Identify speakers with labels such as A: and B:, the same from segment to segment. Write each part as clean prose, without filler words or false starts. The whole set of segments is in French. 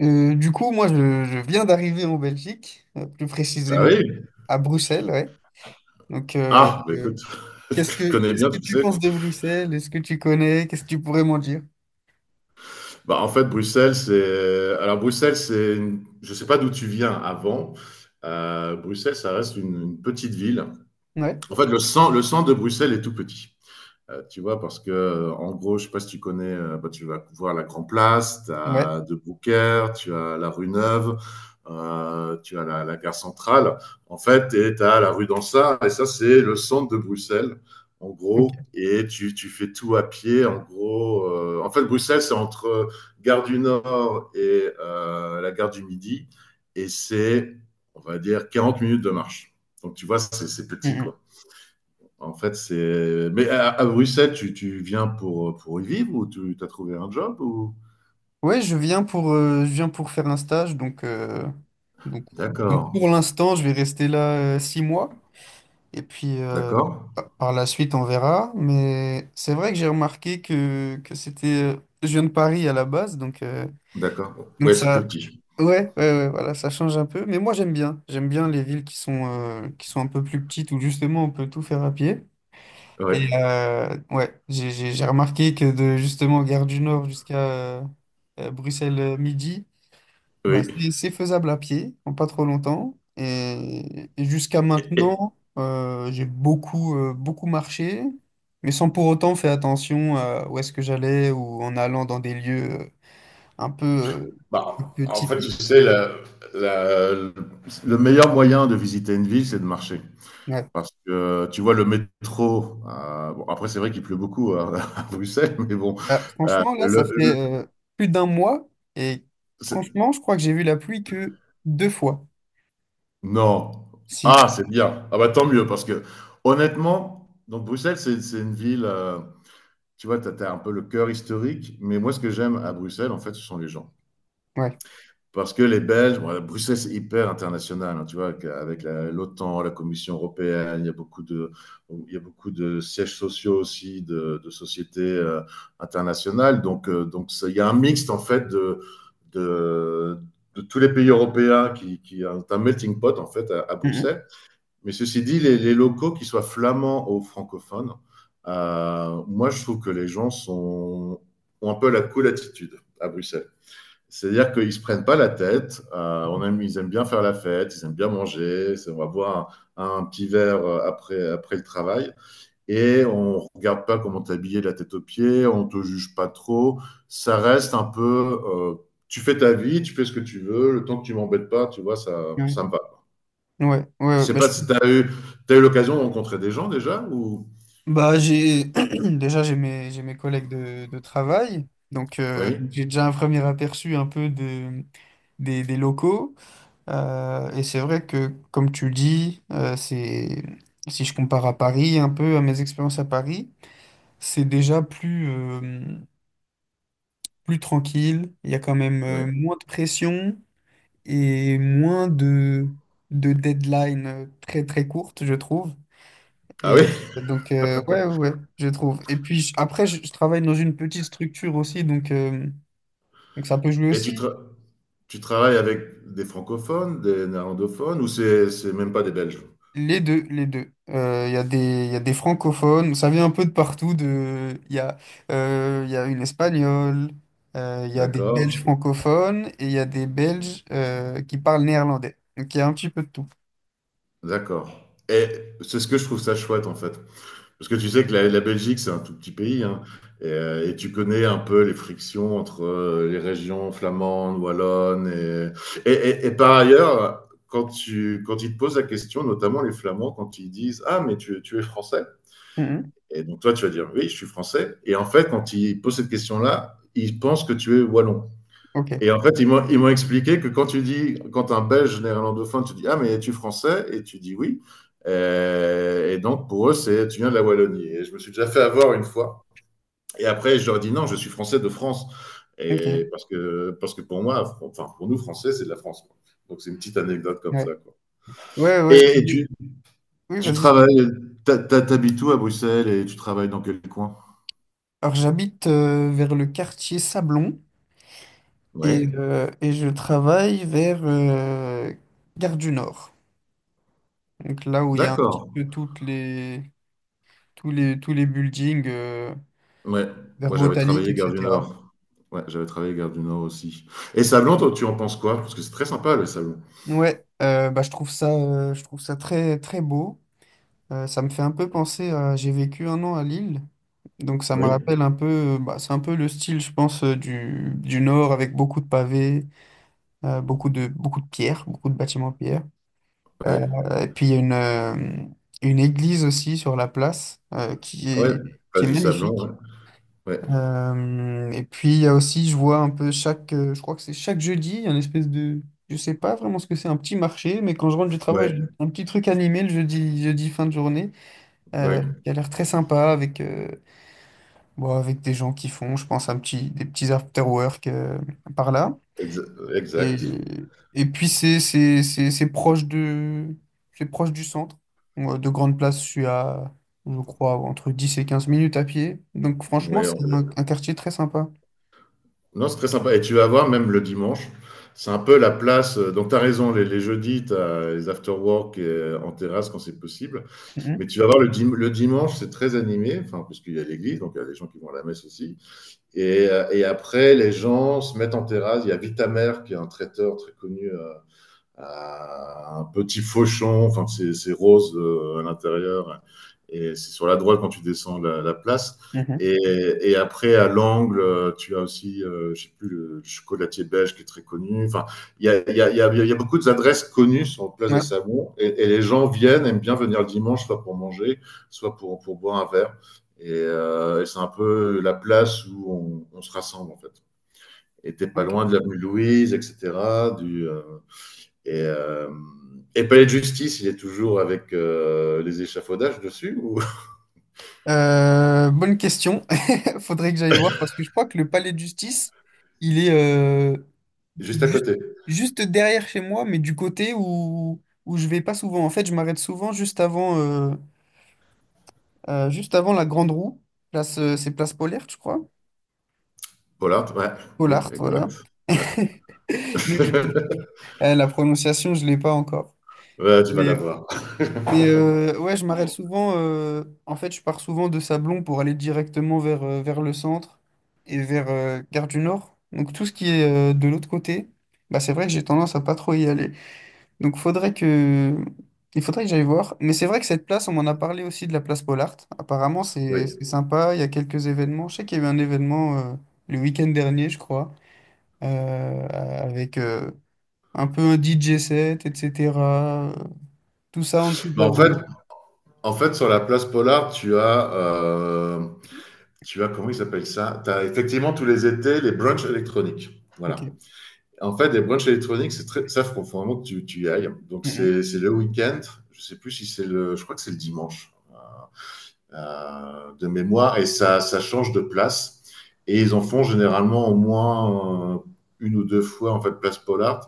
A: Du coup, moi, je viens d'arriver en Belgique, plus
B: Ah
A: précisément
B: oui?
A: à Bruxelles, ouais. Donc,
B: Ah, bah écoute, je connais
A: qu'est-ce
B: bien,
A: que
B: tu
A: tu
B: sais.
A: penses de Bruxelles? Est-ce que tu connais? Qu'est-ce que tu pourrais m'en dire?
B: En fait, Bruxelles, c'est. Alors, Je sais pas d'où tu viens avant. Bruxelles, ça reste une petite ville.
A: Ouais,
B: En fait, le centre de Bruxelles est tout petit. Tu vois, parce que, en gros, je sais pas si tu connais, bah, tu vas voir la Grand Place, tu
A: ouais.
B: as De Brouckère, tu as la rue Neuve, tu as la gare centrale, en fait, et tu as la rue d'Ansart, et ça, c'est le centre de Bruxelles, en gros,
A: Ok.
B: et tu fais tout à pied, en gros. En fait, Bruxelles, c'est entre gare du Nord et la gare du Midi, et c'est, on va dire, 40 minutes de marche. Donc, tu vois, c'est petit,
A: Mhm.
B: quoi. En fait, c'est. Mais à Bruxelles, tu viens pour y vivre ou tu as trouvé un job ou...
A: Ouais, je viens pour faire un stage, donc, donc
B: D'accord,
A: pour l'instant, je vais rester là 6 mois, et puis
B: d'accord,
A: par la suite, on verra. Mais c'est vrai que j'ai remarqué que c'était, je viens de Paris à la base, donc.
B: d'accord.
A: Donc
B: Ouais, c'est plus
A: ça,
B: petit.
A: ouais, ouais, ouais, voilà, ça change un peu. Mais moi j'aime bien. J'aime bien les villes qui sont un peu plus petites où justement on peut tout faire à pied. Et
B: Ouais,
A: ouais, j'ai remarqué que de justement Gare du Nord jusqu'à euh, Bruxelles midi, bah,
B: oui.
A: c'est faisable à pied, en pas trop longtemps. Et jusqu'à
B: Et- et-
A: maintenant, j'ai beaucoup, beaucoup marché, mais sans pour autant faire attention à où est-ce que j'allais ou en allant dans des lieux un peu, euh,
B: Bah,
A: un peu
B: en fait, tu
A: typiques.
B: sais, la- le meilleur moyen de visiter une ville, c'est de marcher.
A: Ouais.
B: Parce que tu vois, le métro, bon, après, c'est vrai qu'il pleut beaucoup à, à Bruxelles, mais bon,
A: Ah,
B: euh,
A: franchement, là,
B: le,
A: ça fait
B: le-
A: plus d'un mois et
B: c'est-
A: franchement, je crois que j'ai vu la pluie que 2 fois.
B: Non.
A: Si,
B: Ah, c'est bien. Ah bah tant mieux parce que honnêtement, donc Bruxelles, c'est une ville, tu vois, tu as un peu le cœur historique, mais moi, ce que j'aime à Bruxelles, en fait, ce sont les gens.
A: ouais.
B: Parce que les Belges, bon, Bruxelles, c'est hyper international, hein, tu vois? Avec la l'OTAN, la Commission européenne, il y a beaucoup de sièges sociaux aussi de sociétés, internationales. Donc c'est il y a un mixte, en fait, de de tous les pays européens qui, est un melting pot, en fait, à
A: Mhm.
B: Bruxelles. Mais ceci dit, les locaux, qu'ils soient flamands ou francophones, moi, je trouve que les gens sont, ont un peu la cool attitude à Bruxelles. C'est-à-dire qu'ils ne se prennent pas la tête. Ils aiment bien faire la fête, ils aiment bien manger. On va boire un petit verre après, après le travail. Et on ne regarde pas comment t'es habillé de la tête aux pieds, on ne te juge pas trop. Ça reste un peu. Tu fais ta vie, tu fais ce que tu veux. Le temps que tu ne m'embêtes pas, tu vois,
A: Ouais,
B: ça me va.
A: ouais,
B: Je
A: ouais,
B: sais
A: bah,
B: pas si tu as eu, T'as eu l'occasion de rencontrer des gens déjà ou...
A: bah, j'ai déjà j'ai mes collègues de travail, donc
B: Oui,
A: j'ai déjà un premier aperçu un peu de, des locaux. Et c'est vrai que, comme tu dis, c'est si je compare à Paris, un peu à mes expériences à Paris, c'est déjà plus tranquille, il y a quand même
B: oui.
A: moins de pression et moins de deadline très très courte, je trouve.
B: Ah
A: Et
B: oui?
A: donc, ouais, ouais, ouais, je trouve. Et puis après, je travaille dans une petite structure aussi, donc ça peut jouer
B: Et tu,
A: aussi.
B: tra- Tu travailles avec des francophones, des néerlandophones ou c'est même pas des Belges?
A: Les deux, les deux. Il y a il y a des francophones, ça vient un peu de partout. Il y a une espagnole, il y a des
B: D'accord,
A: Belges francophones et il y a des Belges qui parlent néerlandais. Donc il y a un petit peu de tout.
B: d'accord. Et c'est ce que je trouve ça chouette en fait. Parce que tu sais que la Belgique, c'est un tout petit pays hein. Et, et tu connais un peu les frictions entre les régions flamandes, wallonnes. Et par ailleurs, quand ils te posent la question, notamment les Flamands, quand ils disent ah, mais tu es français?
A: Mm, mm.
B: Et donc toi, tu vas dire, oui, je suis français. Et en fait, quand ils posent cette question-là, ils pensent que tu es wallon.
A: Ok,
B: Et en fait, ils m'ont expliqué que quand tu dis, quand un Belge néerlandophone, tu dis, ah, mais es-tu français? Et tu dis oui. Et donc, pour eux, c'est, tu viens de la Wallonie. Et je me suis déjà fait avoir une fois. Et après, je leur dis, non, je suis français de France.
A: ok,
B: Parce que pour moi, enfin, pour nous, français, c'est de la France. Quoi. Donc, c'est une petite anecdote comme
A: ouais.
B: ça, quoi.
A: Ouais, ouais.
B: Et tu,
A: Oui,
B: tu
A: vas-y.
B: travailles, t'ha- t'ha- T'habites où à Bruxelles et tu travailles dans quel coin?
A: Alors, j'habite vers le quartier Sablon
B: Oui.
A: et je travaille vers Gare du Nord. Donc là où il y a un petit
B: D'accord.
A: peu toutes les, tous les, tous les buildings
B: Ouais.
A: vers
B: Moi, j'avais
A: Botanique,
B: travaillé Gare du
A: etc.
B: Nord. Ouais, j'avais travaillé Gare du Nord aussi. Et Sablon, toi, tu en penses quoi? Parce que c'est très sympa, le Sablon.
A: Ouais, bah, je trouve ça très, très beau. Ça me fait un peu penser à... J'ai vécu un an à Lille, donc ça me
B: Oui,
A: rappelle un peu... Bah, c'est un peu le style, je pense, du Nord avec beaucoup de pavés. Beaucoup de pierres, beaucoup de bâtiments en pierre.
B: oui.
A: Et puis il y a une église aussi sur la place qui
B: Ouais.
A: est, qui est
B: Place du Sablon, ouais.
A: magnifique.
B: Ouais,
A: Et puis il y a aussi, je vois un peu chaque, je crois que c'est chaque jeudi, il y a une espèce de, je sais pas vraiment ce que c'est, un petit marché, mais quand je rentre du travail, j'ai
B: ouais,
A: un petit truc animé le jeudi, jeudi fin de journée,
B: ouais.
A: qui a l'air très sympa avec des gens qui font, je pense, des petits after-work par là.
B: Exa-
A: Et,
B: exact.
A: et puis c'est proche du centre. Moi, de grande place, je suis à, je crois, entre 10 et 15 minutes à pied. Donc franchement,
B: Ouais, on-
A: c'est un quartier très sympa.
B: Non, c'est très sympa. Et tu vas voir, même le dimanche, c'est un peu la place. Donc, tu as raison, les jeudis, tu as les after-work en terrasse quand c'est possible. Mais
A: Mhm,
B: tu vas voir, le dimanche, c'est très animé, enfin, parce qu'il y a l'église, donc il y a des gens qui vont à la messe aussi. Et, après, les gens se mettent en terrasse. Il y a Vitamer, qui est un traiteur très connu un petit fauchon, enfin c'est rose à l'intérieur, et c'est sur la droite quand tu descends la place.
A: mhm.
B: Et, après, à l'angle, tu as aussi, je sais plus, le chocolatier belge qui est très connu. Enfin, il y a, y, a, y, a, y a, beaucoup d'adresses connues sur Place des
A: Ouais,
B: Sablons. Et, les gens viennent, aiment bien venir le dimanche, soit pour manger, soit pour boire un verre. Et c'est un peu la place où se rassemble, en fait. Et t'es pas
A: ok.
B: loin de l'avenue Louise, etc., du, euh, et, euh, et Palais de Justice, il est toujours avec les échafaudages dessus ou
A: Bonne question. Faudrait que j'aille voir parce que je crois que le palais de justice, il est
B: juste à
A: juste,
B: côté.
A: juste derrière chez moi, mais du côté où je vais pas souvent. En fait, je m'arrête souvent juste avant la grande roue. C'est place Polaire, je crois.
B: Voilà, ouais, oui,
A: Pollard, voilà.
B: exact. Ouais.
A: Donc, je- la prononciation, je l'ai pas encore.
B: Ouais, tu vas la
A: Mais, euh,
B: voir.
A: ouais, je m'arrête souvent. En fait, je pars souvent de Sablon pour aller directement vers le centre et vers Gare du Nord. Donc, tout ce qui est de l'autre côté, bah, c'est vrai que j'ai tendance à pas trop y aller. Donc, faudrait que... il faudrait que j'aille voir. Mais c'est vrai que cette place, on m'en a parlé aussi de la place Pollard. Apparemment, c'est
B: Oui.
A: c'est sympa. Il y a quelques événements. Je sais qu'il y a eu un événement le week-end dernier, je crois, avec un peu un DJ set, etc. euh, Tout ça en dessous de
B: Mais
A: la grande.
B: en fait, sur la place Polar, tu as comment il s'appelle ça. Tu as effectivement tous les étés les brunchs électroniques.
A: Ok.
B: Voilà. En fait, les brunchs électroniques, c'est très, ça, faut vraiment que tu y ailles. Donc,
A: Mhm,
B: c'est le week-end. Je sais plus si c'est le, je crois que c'est le dimanche. De mémoire, et ça change de place. Et ils en font généralement au moins une ou deux fois en fait place Pollard.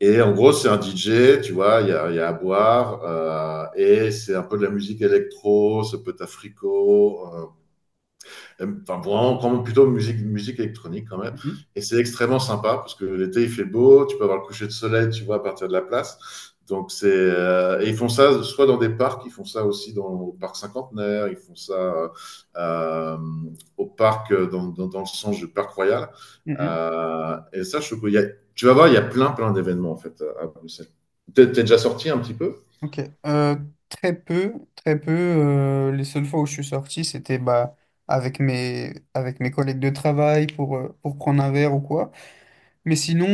B: Et en gros, c'est un DJ, tu vois, y a à boire, et c'est un peu de la musique électro, ça peut être africo, enfin, vraiment, quand même plutôt musique électronique quand même.
A: mhm,
B: Et c'est extrêmement sympa parce que l'été il fait beau, tu peux avoir le coucher de soleil, tu vois, à partir de la place. Donc c'est et ils font ça soit dans des parcs, ils font ça aussi dans au parc cinquantenaire, ils font ça euh, au parc dans le sens du parc royal.
A: mhm.
B: Et ça, je, trouve y a- Tu vas voir, il y a plein d'événements en fait à Bruxelles. T'es déjà sorti un petit peu?
A: Ok. Euh, Très peu, très peu. Les seules fois où je suis sorti, c'était bah, avec mes collègues de travail pour prendre un verre ou quoi. Mais sinon,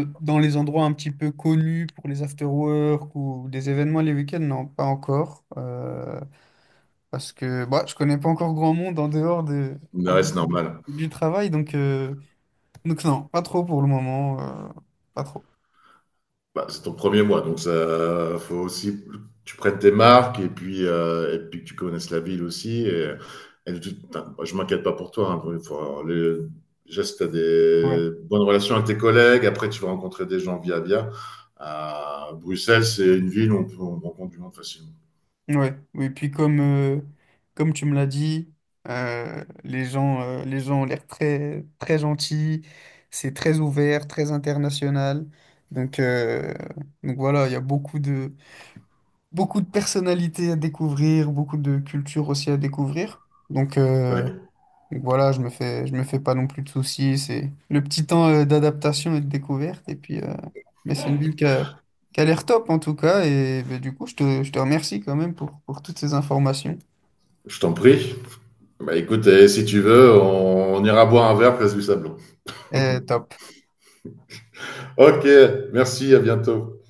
A: dans les endroits un petit peu connus pour les after-work ou des événements les week-ends, non, pas encore. Parce que bah, je connais pas encore grand monde en
B: Ouais,
A: dehors
B: c'est normal.
A: du travail, donc non, pas trop pour le moment. Pas trop.
B: Bah, c'est ton premier mois, donc ça faut aussi que tu prennes tes marques et puis que tu connaisses la ville aussi. Enfin, moi, je m'inquiète pas pour toi. Hein, faut avoir déjà, si tu as
A: Ouais.
B: des bonnes relations avec tes collègues, après tu vas rencontrer des gens via via. À Bruxelles, c'est une ville où on rencontre du monde facilement.
A: Ouais. Oui, puis comme tu me l'as dit, les gens ont l'air très, très gentils, c'est très ouvert, très international. Donc, euh, donc voilà, il y a beaucoup de personnalités à découvrir, beaucoup de cultures aussi à découvrir. Donc, euh,
B: Ouais,
A: Donc voilà, je me fais pas non plus de soucis. C'est le petit temps d'adaptation et de découverte. Et puis, mais c'est une ville qui a l'air top en tout cas. Et ben, du coup, je te remercie quand même pour toutes ces informations.
B: je t'en prie. Bah, écoute, eh, si tu veux, on ira boire un verre place du Sablon.
A: Top.
B: Ok, merci, à bientôt.